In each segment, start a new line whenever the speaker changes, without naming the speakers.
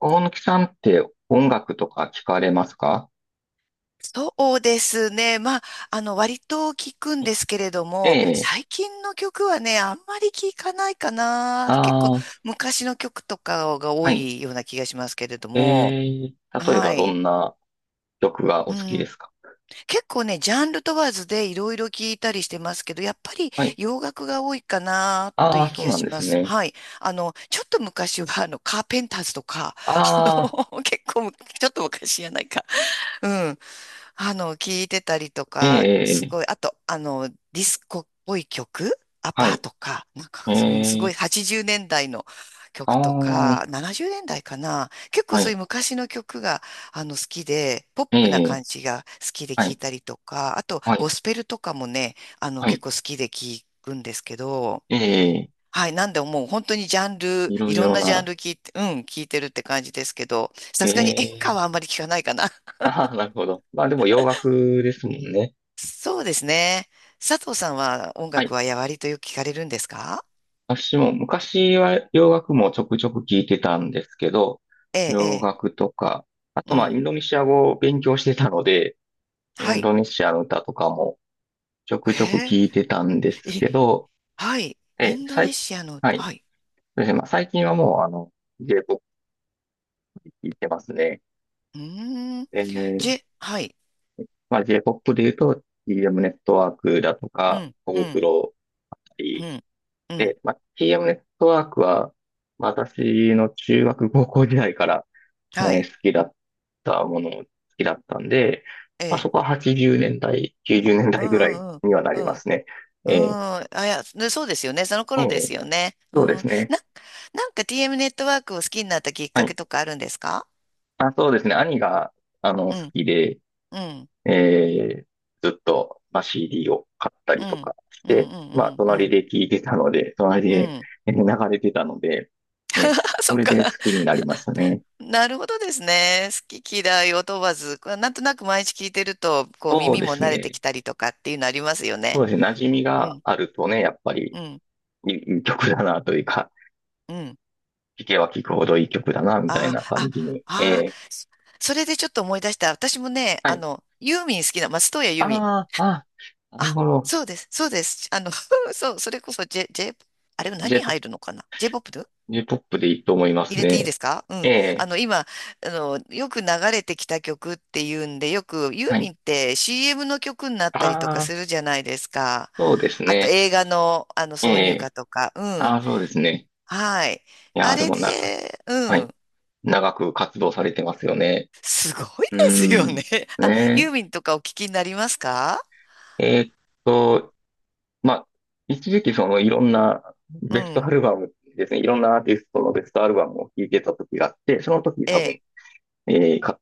大貫さんって音楽とか聞かれますか？
そうですね。割と聞くんですけれど
え
も、
え。
最近の曲はね、あんまり聞かないかな。結構
ああ、
昔の曲とかが多
はい。
いような気がしますけれど
え
も。
え、例え
は
ばど
い。
んな曲が
う
お好きで
ん。
すか？
結構ね、ジャンル問わずでいろいろ聞いたりしてますけど、やっぱり
はい。
洋楽が多いかなと
あ
い
あ、
う
そ
気
う
が
なん
し
で
ま
す
す。
ね。
はい。ちょっと昔は、カーペンターズとか、
ああ、
結構む、ちょっと昔じゃないか。うん。聞いてたりと
え
か、す
え、ええ
ごい、あと、ディスコっぽい曲、アパ
は
ー
い。
とか、なんか、うんす
え
ごい
え、
80年代の
あ
曲とか、
あ、
70年代かな。結構
は
そうい
い。
う昔の曲が、好きで、ポッ
え
プな感
え、
じが好きで
は
聞い
い、
たりとか、あと、
は
ゴ
い、
スペルとかもね、
は
結
い。
構好きで聞くんですけど、
ええ、
はい、なんでもう本当にジャンル、
いろ
い
い
ろん
ろ
なジャンル
な。
聞いて、うん、聞いてるって感じですけど、さ
え
すがに演歌
え、
はあんまり聞かないかな。
ああ、なるほど。まあでも洋楽ですもんね。
そうですね。佐藤さんは音楽はやわりとよく聞かれるんですか？
私も昔は洋楽もちょくちょく聞いてたんですけど、
ええ、
洋
え
楽とか、あ
え、う
とまあイ
ん。
ンドネシア語を勉強してたので、イ
は
ン
い。
ドネシアの歌とかもちょくちょく
へ
聞いてたんで
え、
す
い、
けど、
はい。イ
え、
ンドネ
最、
シアの、
はい。そ
はい。
うですね。まあ最近はもうJ-POP で聞いてますね。
うーん。
え
ジ
ー
ェ、はい。
まあ J-POP で言うと TM ネットワークだと
う
か、
ん、
コ
う
ブク
ん、
ロだった
う
り
ん、うん。
で、まあ TM ネットワークは、私の中学高校時代から
はい。
好きだったものも好きだったんで、
え
まあ、そ
え、
こは80年代、90年
う
代ぐらい
ん、うん、
にはな
う
り
ん、う
ま
ん。
すね。
うん、
え
あ、いや、ねそうですよね。その
ーえ
頃で
ー
すよね。うん。
そうで
な、
すね。
なんか TM ネットワークを好きになったきっ
は
か
い。
けとかあるんですか？
あ、そうですね。兄が、好
うん、
きで、
うん、
えーずっと、まあ、CD を買った
う
りと
ん、
かし
うん、う
て、まあ、
ん、うん、う
隣
ん。
で聴いてたので、隣
う
で
ん。
えー流れてたので、ね、
あ、そ
そ
っ
れ
か。
で好きになりましたね。
なるほどですね。好き嫌いを問わず、こうなんとなく毎日聞いてると、こう
そう
耳
で
も
す
慣れてき
ね。
たりとかっていうのありますよ
そ
ね。
うですね。馴染み
う
が
ん、
あるとね、やっぱり
うん、
いい曲だなというか、
うん。
聴けば聴くほどいい曲だな、みたい
あ
な
あ、
感じに。え
ああ、
え
そそれでちょっと思い出した。私もね、
はい。
ユーミン好きな、松任谷由実。
ああ、ああ、なる
あ、
ほど。
そうです、そうです。あの、そう、それこそ J、J、あれ何
J-POP、
入るのかな j p ップ？
j ポップでいいと思いま
入
す
れていい
ね。
ですか？う
え
ん。あ
え
の、今、あの、よく流れてきた曲っていうんで、よくユー
はい。
ミンって CM の曲になったりとか
ああ、
するじゃないですか。
そうです
あと
ね。
映画の、あの
え
挿入
え
歌とか。う
あ
ん。
あ、そうですね。
はい。
いや
あ
ー、で
れ
もな、
で、う
はい。
ん。
長く活動されてますよね。
すごいで
うー
すよ
ん。
ね。あ、ユ
ね
ーミンとかお聞きになりますか？
え。と、まあ、一時期そのいろんな
う
ベストア
ん。
ルバムですね。いろんなアーティストのベストアルバムを聴いてた時があって、その時
え
多
え。
分えーか、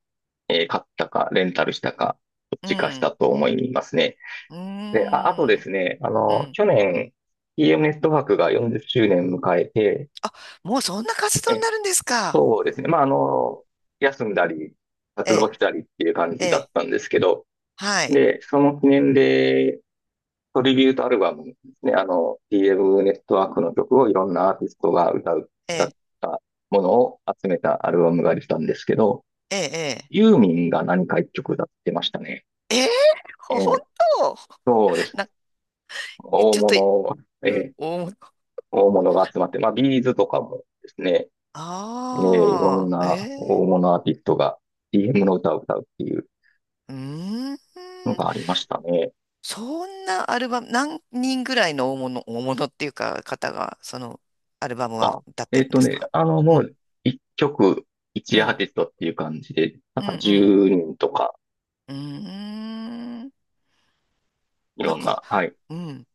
えー買ったか、レンタルしたか、どっ
う
ちかした
ん。
と思いますね。
う
で、
ー
あ、あとで
ん。
すね、
うん。
去年、TM ネットワークが40周年迎えて、
もうそんな活動に
え、
なるんですか？
そうですね、まあ、休んだり、
え
活動
え。
したりっていう感
え
じだっ
え。
たんですけど、
はい。
で、その記念で、トリビュートアルバムですね、TM ネットワークの曲をいろんなアーティストが歌う、
え
歌
え。
ったものを集めたアルバムができたんですけど、
ええ。ええ
ユーミンが何か一曲歌ってましたね。
えー、
え
ほ本
え、
当
そうです。
な、
大
ちょっと、
物、え
うん、
え、
お、
大物が集まって、まあ、ビーズとかもですね、ええ、いろ
あ
ん
あ、
な
えー、
大物アーティストが DM の歌を歌うっていう
うー
の
ん、
がありましたね。
そんなアルバム、何人ぐらいの大物、大物っていうか、方が、その、アルバム
ま
は
あ、
歌ってるんですか？う
も
ん、
う、一曲、
う
一アー
ん、
ティストっていう感じで、なん
う
か
ん、
10人とか、
うん、うーん、
い
なん
ろん
か、
な、はい。
うん、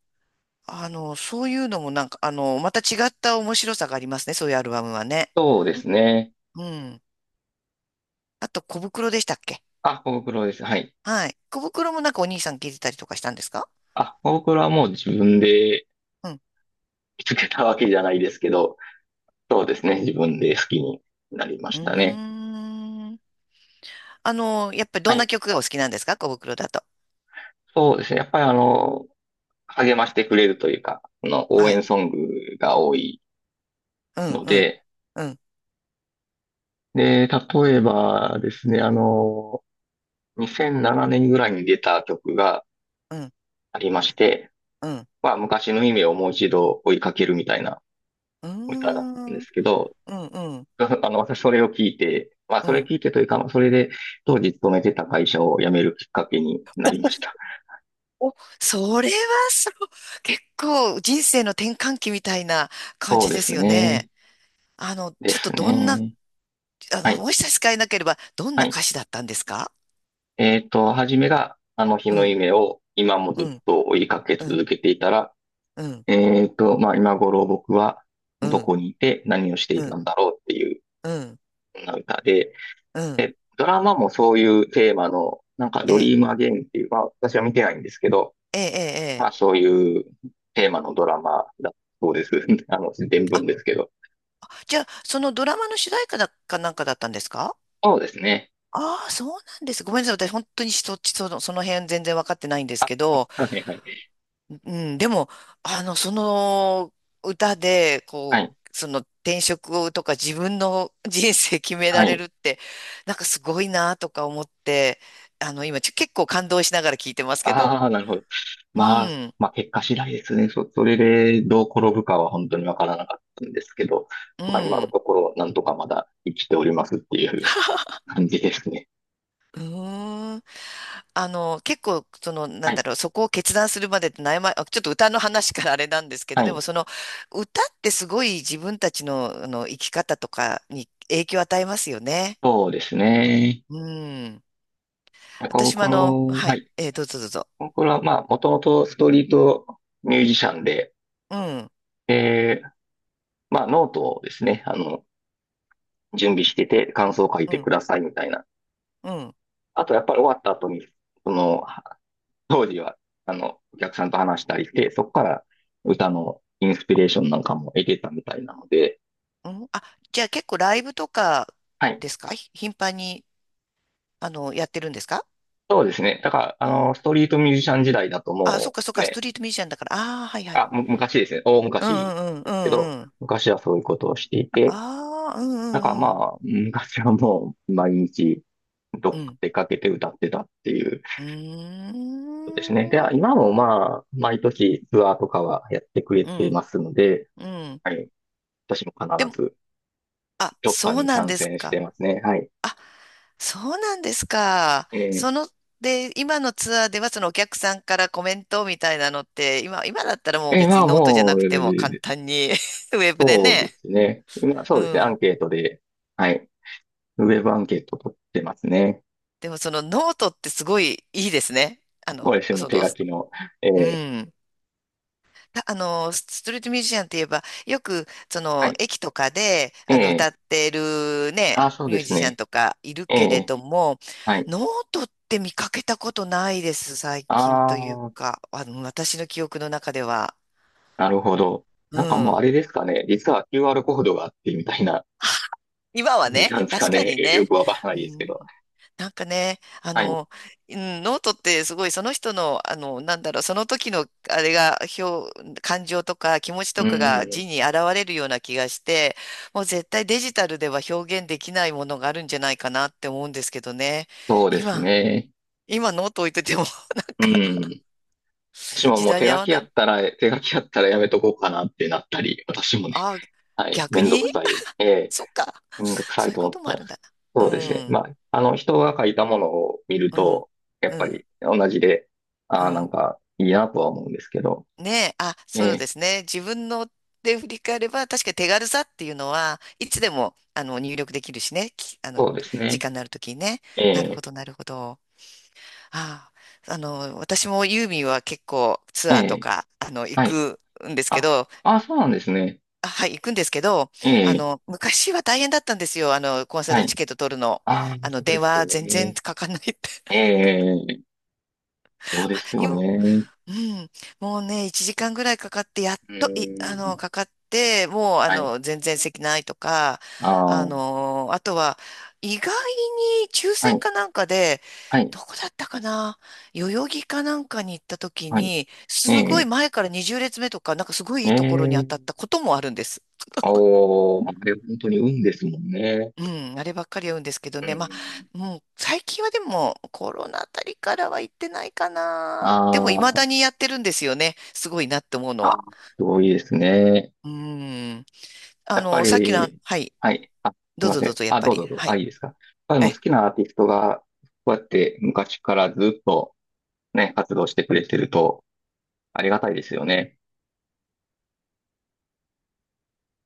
そういうのもなんか、また違った面白さがありますね、そういうアルバムはね。
そうですね。
うん。あと、小袋でしたっけ？
あ、コブクロです。はい。
はい。小袋もなんかお兄さん聞いてたりとかしたんですか？
あ、コブクロはもう自分で
うん。
見つけたわけじゃないですけど、そうですね。自分で好きになりま
う
し
ー
たね。
ん。あの、やっぱり
は
どんな
い。
曲がお好きなんですか、小袋だと。
そうですね。やっぱり励ましてくれるというか、応
は
援
い。
ソングが多い
うん、
の
うん、
で、
うん、
で、例えばですね、2007年ぐらいに出た曲が
うん、
ありまして、
うん。
まあ、昔の夢をもう一度追いかけるみたいな
うー
歌だったん
ん、
で
うん、
すけど、
うん、
私それを聞いて、まあ、
う
それ
ん。
聞いてというか、まあそれで当時勤めてた会社を辞めるきっかけになりました。
お、お、それはそう、結構人生の転換期みたいな感
そう
じ
で
です
す
よね。
ね。で
ちょっと
す
どんな、
ね。はい。
もし差し支えなければ、どん
は
な
い、
歌詞だったんですか？
初めが、あの日
う
の
ん、
夢を今もず
う
っ
ん、
と追いかけ
うん、
続けていたら、
うん、
まあ、今頃僕は
う
ど
ん、
こにいて何をして
う
いた
ん、
んだろうっていう、
うん、
そんな歌で、
うん。
で、ドラマもそういうテーマの、なんか
え
ドリ
え、
ームアゲインっていう、まあ、私は見てないんですけど、
ええ、ええ。
ま
え
あ、
え
そういうテーマのドラマだそうです。伝聞ですけど。
じゃあ、そのドラマの主題歌だかなんかだったんですか？
そうですね。
ああ、そうなんです。ごめんなさい。私、本当にそっち、その、その辺全然わかってないんですけど、
はいはい。
うん、でも、その歌で、
は
こ
い。
う、その転職をとか自分の人生決め
は
られる
い。
って、なんかすごいなとか思って、今、ちょ結構感動しながら聞いてますけど、
ああ、なるほど。
う
まあ、
ん、
まあ結果次第ですね。それでどう転ぶかは本当にわからなかったんですけど、
う
まあ今の
ん。
ところなんとかまだ生きておりますっていう感じですね。
うーん。あの、結構、その、な
は
んだ
い。
ろう、そこを決断するまでって悩ま、あちょっと歌の話からあれなんですけど、
は
で
い。
もその、歌ってすごい自分たちの、生き方とかに影響を与えますよね。
そうですね。
うん。
コ
私も
コ
あの、
ロ、
は
は
い、
い。
えーどうぞどうぞ。
ココロはまあもともとストリートミュージシャンで、
うん、
で、まあノートをですね、準備してて感想を書い
う
て
ん、
くださいみたいな。
うん、
あとやっぱり終わった後に、その、当時は、お客さんと話したりして、そこから歌のインスピレーションなんかも得てたみたいなので、
うん。あ、じゃあ結構ライブとか
はい。
ですか、ひ頻繁に、やってるんですか？
そうですね。だから、
うん
ストリートミュージシャン時代だと
あ、そっ
も
かそっ
う
か、スト
ね、
リートミュージシャンだから。ああ、はいはい。
あ、昔ですね。大
うん
昔
うん
で
うん
すけ
う
ど、
んうん。
昔はそういうことをしていて、
ああ、うんう
だからま
んうん。
あ、昔はもう毎日どっ
う
か
ん
出かけて歌ってたっていうこ
うー
とですね。で、
ん。
今もまあ、毎年ツアーとかはやってくれ
う
て
ん。
ますので、
うん。
はい。私も必
でも、
ず
あ、
どっか
そう
に
なん
参
です
戦して
か。
ますね。はい。
あ、そうなんですか。
ええ
その、で、今のツアーではそのお客さんからコメントみたいなのって、今、今だったらもう
ええ、
別
ま
に
あ
ノートじゃ
も
な
う、
くても簡単に ウェブで
そうで
ね。
すね。今そ
う
うですね。アン
ん。
ケートで、はい。ウェブアンケート取ってますね。
でもそのノートってすごいいいですね。あ
こ
の、
れも
そ
手
の、
書きの。え
う
え
ん。たあの、ストリートミュージシャンって言えば、よく、そ
は
の、
い。
駅とかで、
え
歌
え
ってるね、
あ、そう
ミ
で
ュー
す
ジシャン
ね。
とかいる
え
けれ
え
ども、
はい。
ノートって見かけたことないです、最近という
ああ、
か、私の記憶の中では。
なるほど。
う
なんかもう
ん。
あれですかね。実は QR コードがあってみたいな
今は
感じ
ね、
なんですか
確か
ね。
にね。
よくわからな
う
いですけ
ん、
ど。
なんかね、あ
はい。
の、うん、ノートってすごいその人の、あの、なんだろう、その時のあれが、表、感情とか気持ち
う
とかが
ん。
字に現れるような気がして、もう絶対デジタルでは表現できないものがあるんじゃないかなって思うんですけどね。
そうです
今、
ね。
今ノート置いてても なん
う
か
ん。私も
時
もう
代
手
に合
書
わ
き
な
や
い。
ったら、手書きやったらやめとこうかなってなったり、私もね
ああ、
はい。め
逆
んど
に
くさい。ええ、
そっか。
めんどくさ
そ
い
ういう
と
こ
思っ
と
ち
も
ゃ
あ
い
る
ま
ん
す。
だ
そ
な。
うですね。
うん、
まあ、人が書いたものを見る
うん、
と、やっ
う
ぱ
ん、
り同じで、
う
ああ、なん
ん。
かいいなとは思うんですけど、
ねえ、あ、
え
そうで
え、
すね。自分ので振り返れば、確かに手軽さっていうのは、いつでも、入力できるしね。きあの、
そうです
時
ね。
間のあるときにね。
え
なるほ
え、
ど、なるほど。ああ、私もユーミンは結構ツ
え
アーと
え、
か、行
はい。
くんですけ
あ、
ど、
あ、そうなんですね。
あ、はい、行くんですけど、
ええ、
昔は大変だったんですよ。コンサー
は
トチ
い。
ケット取るの。
ああ、そうで
電
すよ
話全然
ね。
かかんないって。
ええ、そうです よ
今、
ね。
うん。もうね、1時間ぐらいかかって、やっ
う
と、い、
ーん、
かかって、もう、
はい。
全然席ないとか、
ああ、は
あとは、意外に抽
い、
選かなんかで、
はい、
どこだったかな、代々木かなんかに行った時
はい。
に、
え
すごい
え、
前から20列目とか、なんかすごいい
え
いところに当たっ
え、
たこともあるんです。
おー、まあ、あれ本当に運ですもんね。
うん、あればっかり言うんですけど
う
ね。ま
ん。
あ、もう最近はでもコロナあたりからは行ってないか
あ
な。でも未
ー
だにやってるんですよね。すごいなって思うの
あ
は。
ー、すごいですね。
うーん。
や
あ
っぱ
の、さっきの、
り、
はい。
はい。あ、すい
どう
ま
ぞ
せ
どう
ん。
ぞ、やっ
あ、
ぱ
どう
り。
ぞどうぞ。
は
あ、
い。
いいですか。やっぱり
え
もう好
え
きなアーティストが、こうやって昔からずっとね、活動してくれてると、ありがたいですよね。